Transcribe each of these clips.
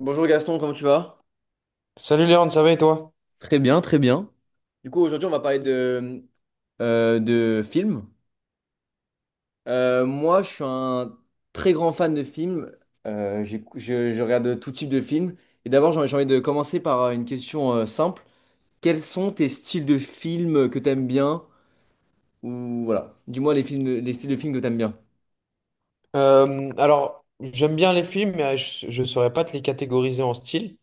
Bonjour Gaston, comment tu vas? Salut Léon, ça va et toi? Très bien, très bien. Du coup, aujourd'hui, on va parler de films. Moi, je suis un très grand fan de films. Je regarde tout type de films. Et d'abord, j'ai envie de commencer par une question simple. Quels sont tes styles de films que t'aimes bien? Ou voilà, dis-moi les films, les styles de films que t'aimes bien. Alors, j'aime bien les films, mais je ne saurais pas te les catégoriser en style.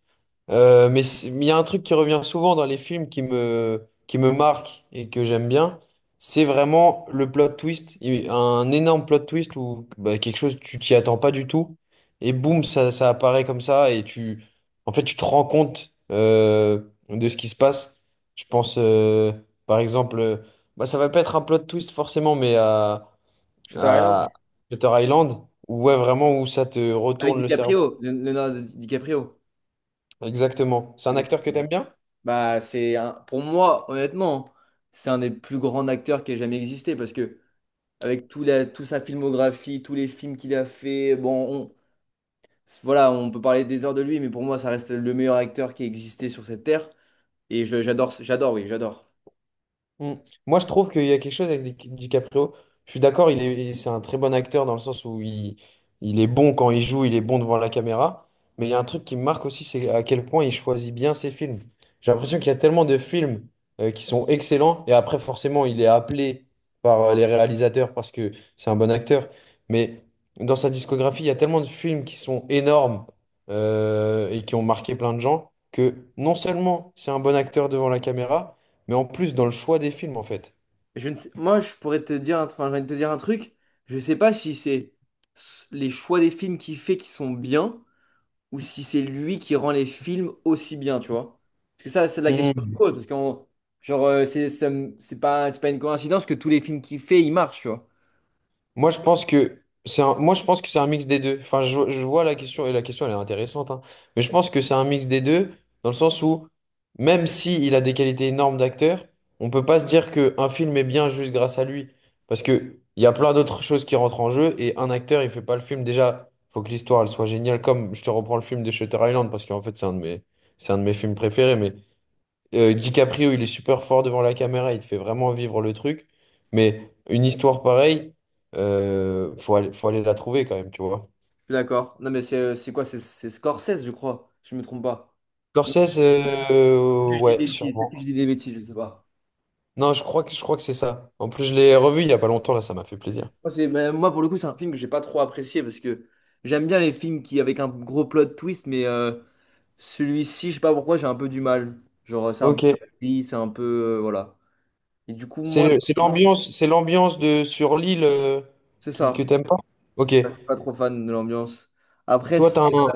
Mais il y a un truc qui revient souvent dans les films qui me marque et que j'aime bien, c'est vraiment le plot twist. Un énorme plot twist où bah, quelque chose, tu t'y attends pas du tout. Et boum, ça apparaît comme ça et tu, en fait, tu te rends compte de ce qui se passe. Je pense, par exemple, bah, ça va pas être un plot twist forcément, mais à Shutter Island. à Shutter Island, où ouais, vraiment où ça te Avec retourne le cerveau. DiCaprio, Leonardo DiCaprio. Exactement. C'est un acteur que t'aimes bien? Bah, pour moi, honnêtement, c'est un des plus grands acteurs qui ait jamais existé parce que avec toute sa filmographie, tous les films qu'il a fait. Bon, voilà, on peut parler des heures de lui, mais pour moi, ça reste le meilleur acteur qui a existé sur cette terre. J'adore, oui, j'adore. Mm. Moi, je trouve qu'il y a quelque chose avec DiCaprio. Je suis d'accord, c'est un très bon acteur dans le sens où il est bon quand il joue, il est bon devant la caméra. Mais il y a un truc qui me marque aussi, c'est à quel point il choisit bien ses films. J'ai l'impression qu'il y a tellement de films qui sont excellents. Et après, forcément, il est appelé par les réalisateurs parce que c'est un bon acteur. Mais dans sa discographie, il y a tellement de films qui sont énormes et qui ont marqué plein de gens que non seulement c'est un bon acteur devant la caméra, mais en plus dans le choix des films en fait. Je ne sais- Moi, je pourrais te dire, enfin, j'ai envie de te dire un truc. Je sais pas si c'est les choix des films qu'il fait qui sont bien, ou si c'est lui qui rend les films aussi bien, tu vois. Parce que ça, c'est la question que je Mm. pose, parce que genre, c'est pas une coïncidence que tous les films qu'il fait, ils marchent, tu vois. Moi, je pense que c'est un mix des deux. Enfin, je vois la question et la question, elle est intéressante, hein. Mais je pense que c'est un mix des deux dans le sens où même si il a des qualités énormes d'acteur, on peut pas se dire que un film est bien juste grâce à lui parce que il y a plein d'autres choses qui rentrent en jeu et un acteur, il fait pas le film. Déjà, faut que l'histoire elle soit géniale. Comme je te reprends le film de Shutter Island parce qu'en fait, c'est un de mes films préférés, mais DiCaprio, il est super fort devant la caméra, il te fait vraiment vivre le truc. Mais une histoire pareille, faut aller la trouver quand même, tu vois. Je suis d'accord. Non, mais c'est quoi? C'est Scorsese, je crois. Si je me trompe pas. Non, Scorsese, je dis ouais, des bêtises. Peut-être que je sûrement. dis des bêtises, je sais pas. Non, je crois que c'est ça. En plus, je l'ai revu il y a pas longtemps, là, ça m'a fait plaisir. Moi, mais moi, pour le coup, c'est un film que j'ai pas trop apprécié parce que j'aime bien les films qui avec un gros plot twist, mais celui-ci, je sais pas pourquoi, j'ai un peu du mal. Genre, c'est un peu Ok. gris, c'est un peu voilà. Et du coup, moi, C'est l'ambiance de sur l'île c'est que ça. t'aimes pas? C'est Ok. ça. Je suis pas trop fan de l'ambiance. Après, Toi, si, t'as un,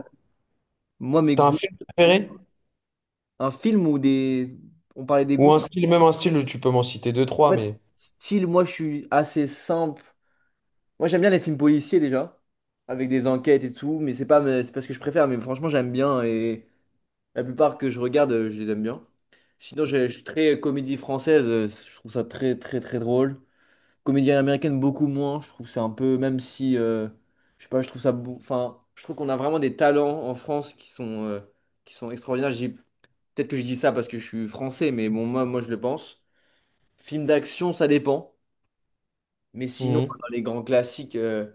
moi, mes t'as un goûts, film préféré? un film où des, on parlait des Ou goûts. un style, même un style, tu peux m'en citer deux, En trois, fait, mais. style, moi, je suis assez simple. Moi, j'aime bien les films policiers déjà, avec des enquêtes et tout, mais c'est pas ce que je préfère, mais franchement, j'aime bien et la plupart que je regarde, je les aime bien. Sinon, je suis très comédie française, je trouve ça très, très, très drôle. Comédie américaine, beaucoup moins, je trouve c'est un peu, même si, je sais pas, je trouve ça, enfin, je trouve qu'on a vraiment des talents en France qui sont extraordinaires. Peut-être que je dis ça parce que je suis français, mais bon, je le pense. Film d'action, ça dépend, mais sinon, Mhm. dans les grands classiques. euh,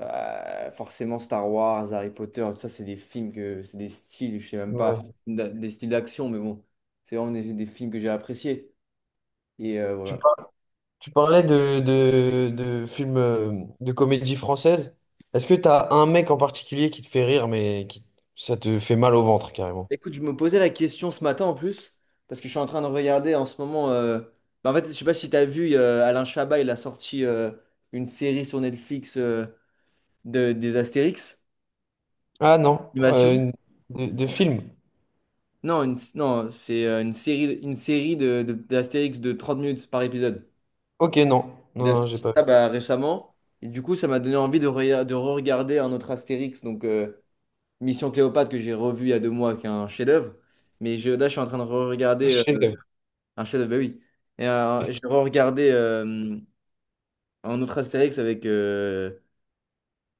Euh, Forcément Star Wars, Harry Potter, tout ça, c'est des films que c'est des styles, je sais même pas, Ouais. Des styles d'action, mais bon, c'est vraiment des films que j'ai appréciés. Et Tu voilà. Tu parlais de films de comédie française. Est-ce que t'as un mec en particulier qui te fait rire, mais ça te fait mal au ventre carrément? Écoute, je me posais la question ce matin en plus, parce que je suis en train de regarder en ce moment, bah, en fait, je sais pas si tu as vu Alain Chabat, il a sorti une série sur Netflix des Astérix. Ah non, Animation? De film. Non, non, c'est une série d'Astérix de 30 minutes par épisode. Ok, non. Non, Il a non, j'ai sorti pas. ça bah, récemment. Et du coup, ça m'a donné envie de re-regarder un autre Astérix, donc Mission Cléopâtre que j'ai revu il y a 2 mois, qui est un chef-d'œuvre. Mais je suis en train de re-regarder Chef-d'œuvre. un chef-d'œuvre, bah oui. Et j'ai re-regardé un autre Astérix avec. euh,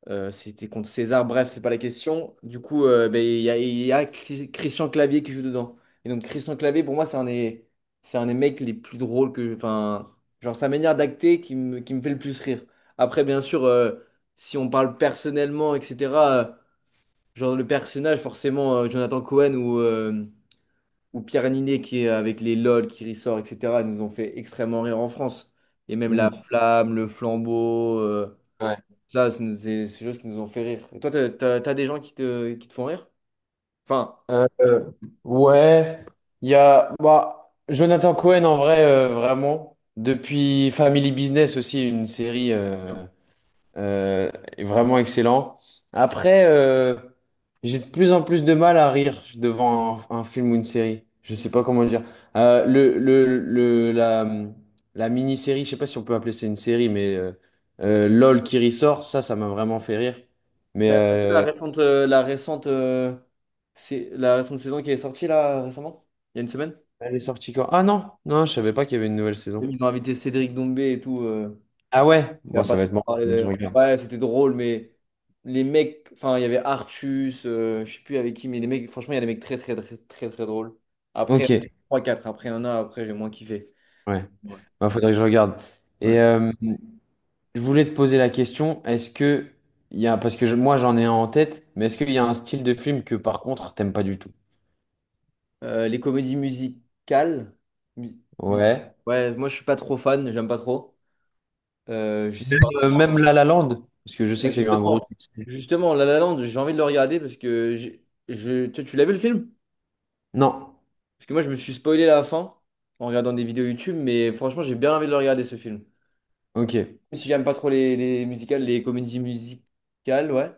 euh, C'était contre César, bref, c'est pas la question. Du coup, ben, il y a Christian Clavier qui joue dedans. Et donc, Christian Clavier, pour moi, c'est un des mecs les plus drôles que. Enfin, genre, sa manière d'acter qui me fait le plus rire. Après, bien sûr, si on parle personnellement, etc., euh, genre, le personnage, forcément, Jonathan Cohen ou Pierre Ninet qui est avec les LOL qui ressort, etc., nous ont fait extrêmement rire en France. Et même la Mm. flamme, le flambeau. Ouais. Là, c'est des choses qui nous ont fait rire. Et toi, t'as des gens qui te font rire? Enfin, Euh, euh, ouais, il y a bah, Jonathan Cohen en vrai, vraiment. Depuis Family Business aussi, une série. Euh, est vraiment excellent. Après, j'ai de plus en plus de mal à rire devant un film ou une série. Je sais pas comment dire. Euh, le, le, le, la, la mini-série, je sais pas si on peut appeler ça une série, mais LOL qui ressort, ça m'a vraiment fait rire. Mais t'as vu la récente, c'est la récente saison qui est sortie là récemment? Il y a une semaine? elle est sortie quand? Ah non, non, je savais pas qu'il y avait une nouvelle Oui. saison. Ils ont invité Cédric Doumbé et tout. Ah ouais? Il y Bon, a pas ça va être longtemps mort. parlé Faudrait que je d'ailleurs. regarde. Ouais, c'était drôle, mais les mecs, enfin, il y avait Artus, je sais plus avec qui, mais les mecs, franchement, il y a des mecs très, très, très, très, très drôles. Après, Ok. 3-4, après un an, après, j'ai moins kiffé. Ouais. Ouais. Bah, faudrait que je regarde. Et Ouais. Je voulais te poser la question, est-ce que il y a, parce que moi j'en ai un en tête, mais est-ce qu'il y a un style de film que par contre t'aimes pas du tout? Les comédies musicales. mu- Musicales. Ouais. Ouais, moi je suis pas trop fan, j'aime pas trop. Je sais Même, pas. euh, même La La Land, parce que je sais Ouais, que ça a eu un gros Justement, succès. justement, La La Land, j'ai envie de le regarder parce que tu l'as vu le film? Non. Parce que moi je me suis spoilé la fin en regardant des vidéos YouTube, mais franchement j'ai bien envie de le regarder ce film. Ok. Même si j'aime pas trop les musicales, les comédies musicales, ouais.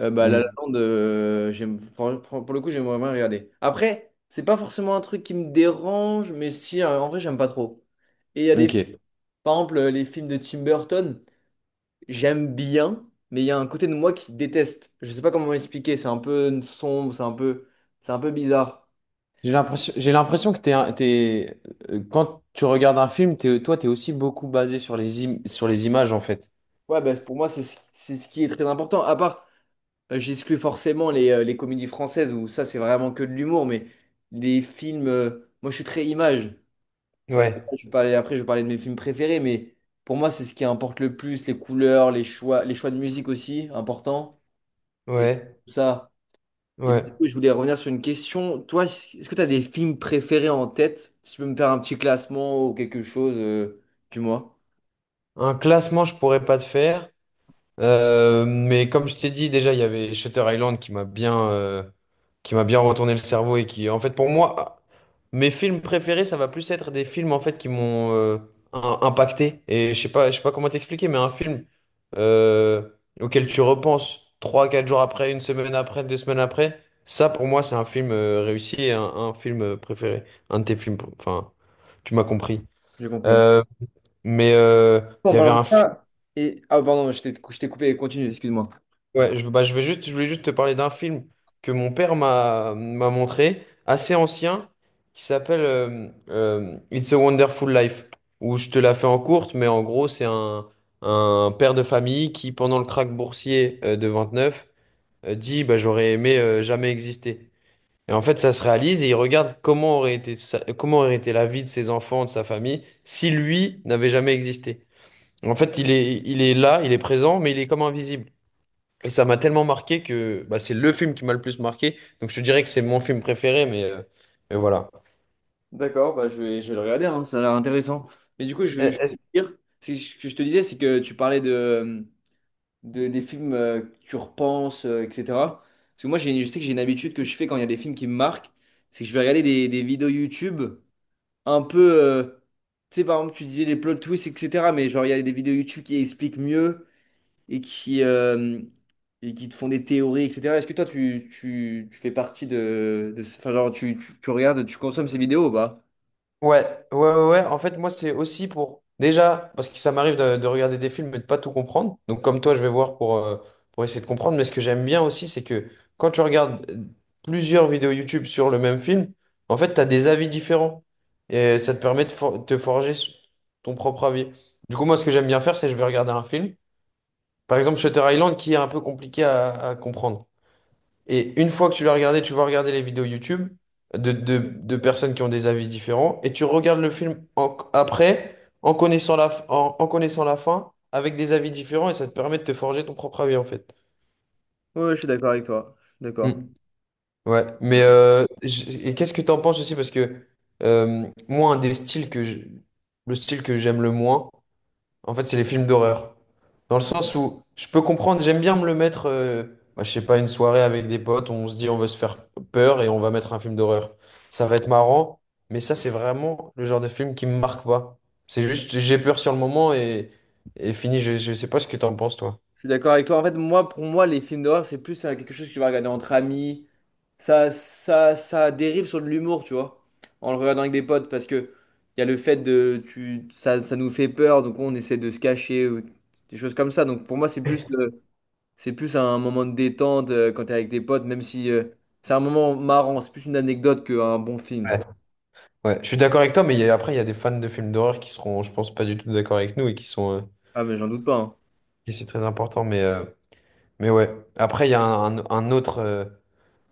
Bah, La La Hmm. Land, j'aime, pour le coup, j'aimerais bien regarder. Après, c'est pas forcément un truc qui me dérange, mais si, en vrai, j'aime pas trop. Et il y a des Ok. Par exemple, les films de Tim Burton, j'aime bien, mais il y a un côté de moi qui déteste. Je sais pas comment expliquer, c'est un peu sombre, c'est un peu bizarre. J'ai l'impression que quand tu regardes un film, t'es, toi t'es aussi beaucoup basé sur les images en fait. Ouais, bah, pour moi, c'est ce qui est très important. À part, j'exclus forcément les comédies françaises où ça, c'est vraiment que de l'humour, mais les films, moi, je suis très image. Euh, Ouais, je vais parler, après, je vais parler de mes films préférés, mais pour moi, c'est ce qui importe le plus, les couleurs, les choix de musique aussi, important. Et ouais, tout ça. Et du ouais. coup, je voulais revenir sur une question. Toi, est-ce que tu as des films préférés en tête? Si tu peux me faire un petit classement ou quelque chose, dis-moi. Un classement, je pourrais pas te faire, mais comme je t'ai dit, déjà, il y avait Shutter Island qui m'a bien retourné le cerveau et qui, en fait, pour moi, mes films préférés, ça va plus être des films, en fait, qui m'ont impacté. Et je sais pas comment t'expliquer, mais un film euh, auquel tu repenses 3, 4 jours après, une semaine après, 2 semaines après, ça, pour moi, c'est un film réussi et un film préféré. Un de tes films, enfin, tu m'as compris. J'ai compris. Euh, mais il En y avait parlant de un film. ça, et, ah, pardon, je t'ai coupé. Continue, excuse-moi. Ouais, bah, je voulais juste te parler d'un film que mon père m'a montré, assez ancien, qui s'appelle It's a Wonderful Life, où je te la fais en courte, mais en gros, c'est un père de famille qui, pendant le krach boursier de 29, dit bah, j'aurais aimé jamais exister. Et en fait, ça se réalise et il regarde comment aurait été, comment aurait été la vie de ses enfants, de sa famille, si lui n'avait jamais existé. En fait, il est là, il est présent, mais il est comme invisible. Et ça m'a tellement marqué que bah, c'est le film qui m'a le plus marqué. Donc je te dirais que c'est mon film préféré, mais voilà. D'accord, bah je vais le regarder, hein, ça a l'air intéressant. Mais du coup, Euh, je, je, est-ce- veux dire, c'est ce que je te disais, c'est que tu parlais des films que tu repenses, etc. Parce que moi, j'ai, je sais que j'ai une habitude que je fais quand il y a des films qui me marquent, c'est que je vais regarder des vidéos YouTube un peu, tu sais, par exemple, tu disais les plot twists, etc. Mais genre, il y a des vidéos YouTube qui expliquent mieux et qui, euh, et qui te font des théories, etc. Est-ce que toi, tu fais partie enfin, genre, tu regardes, tu consommes ces vidéos ou pas? Ouais, ouais, ouais, ouais. En fait, moi, c'est aussi pour. Déjà, parce que ça m'arrive de regarder des films et de pas tout comprendre. Donc, comme toi, je vais voir pour essayer de comprendre. Mais ce que j'aime bien aussi, c'est que quand tu regardes plusieurs vidéos YouTube sur le même film, en fait, tu as des avis différents. Et ça te permet de te forger ton propre avis. Du coup, moi, ce que j'aime bien faire, c'est je vais regarder un film. Par exemple, Shutter Island, qui est un peu compliqué à comprendre. Et une fois que tu l'as regardé, tu vas regarder les vidéos YouTube de personnes qui ont des avis différents, et tu regardes le film après, en connaissant la fin, avec des avis différents, et ça te permet de te forger ton propre avis, en fait. Ouais, je suis d'accord avec toi. Je suis Mm. d'accord. Ouais, mais et qu'est-ce que tu en penses aussi? Parce que moi, un des styles que je- le style que j'aime le moins, en fait, c'est les films d'horreur. Dans le sens où je peux comprendre, j'aime bien me le mettre, bah, je sais pas, une soirée avec des potes, on se dit on veut se faire peur et on va mettre un film d'horreur. Ça va être marrant, mais ça, c'est vraiment le genre de film qui me marque pas. C'est juste, j'ai peur sur le moment et fini, je sais pas ce que t'en penses, toi. Je suis d'accord avec toi. En fait, moi, pour moi, les films d'horreur, c'est plus quelque chose que tu vas regarder entre amis. Ça dérive sur de l'humour, tu vois, en le regardant avec des potes, parce que il y a le fait de, tu, ça nous fait peur, donc on essaie de se cacher, ou des choses comme ça. Donc pour moi, c'est plus, c'est plus un moment de détente quand t'es avec des potes, même si c'est un moment marrant, c'est plus une anecdote qu'un bon Ouais. film. Ouais, je suis d'accord avec toi, mais après, il y a des fans de films d'horreur qui seront, je pense, pas du tout d'accord avec nous et qui sont, Ah mais j'en doute pas, hein. et c'est très important, mais ouais. Après, il y a un autre.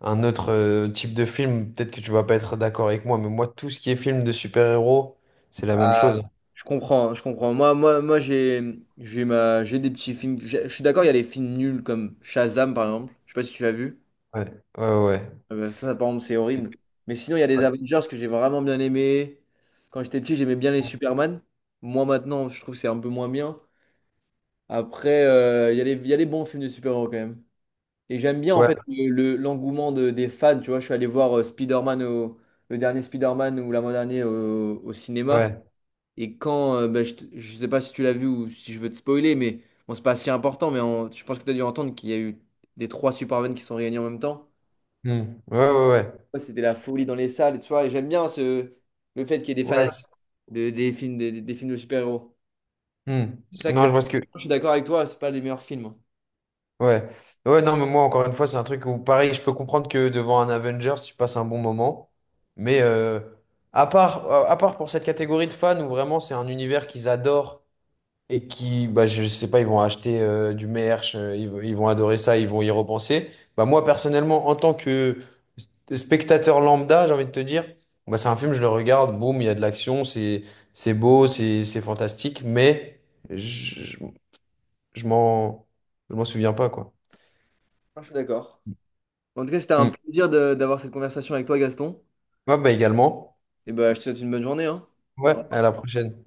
Un autre type de film, peut-être que tu vas pas être d'accord avec moi, mais moi, tout ce qui est film de super-héros, c'est la même Ah, chose. je comprends, je comprends. Moi, j'ai des petits films. Je suis d'accord, il y a les films nuls comme Shazam par exemple. Je sais pas si tu l'as vu. Ouais, ouais, ouais. Ah bah ça, par exemple, c'est horrible. Mais sinon, il y a des Avengers que j'ai vraiment bien aimé. Quand j'étais petit, j'aimais bien les Superman. Moi, maintenant, je trouve que c'est un peu moins bien. Après, il y a les bons films de super-héros quand même. Et j'aime bien, en Ouais, fait, l'engouement des fans. Tu vois, je suis allé voir Spider-Man, le dernier Spider-Man ou l'avant-dernier au cinéma. ouais. Et quand, bah, je sais pas si tu l'as vu ou si je veux te spoiler, mais bon, c'est pas si important, mais je pense que tu as dû entendre qu'il y a eu des trois Superman qui sont réunis en même temps. Hmm. Ouais, ouais, ouais. Ouais, c'était la folie dans les salles, tu vois. Et j'aime bien le fait qu'il y ait des Ouais, fanatiques des films, des films de super-héros. hmm. C'est ça que Non, j'aime. je vois ce que. Je suis d'accord avec toi, c'est pas les meilleurs films, hein. Ouais. Ouais, non, mais moi, encore une fois, c'est un truc où, pareil, je peux comprendre que devant un Avengers, tu passes un bon moment. Mais à part pour cette catégorie de fans où vraiment c'est un univers qu'ils adorent et qui, bah, je sais pas, ils vont acheter du merch, ils vont adorer ça, ils vont y repenser. Bah, moi, personnellement, en tant que spectateur lambda, j'ai envie de te dire, bah, c'est un film, je le regarde, boum, il y a de l'action, c'est beau, c'est fantastique, mais je, je, je m'en, je m'en souviens pas, quoi. Moi, je suis d'accord. En tout cas, c'était un Mm. plaisir d'avoir cette conversation avec toi, Gaston. Ouais, bah, également. Et bah, je te souhaite une bonne journée, hein. Ouais, à la prochaine.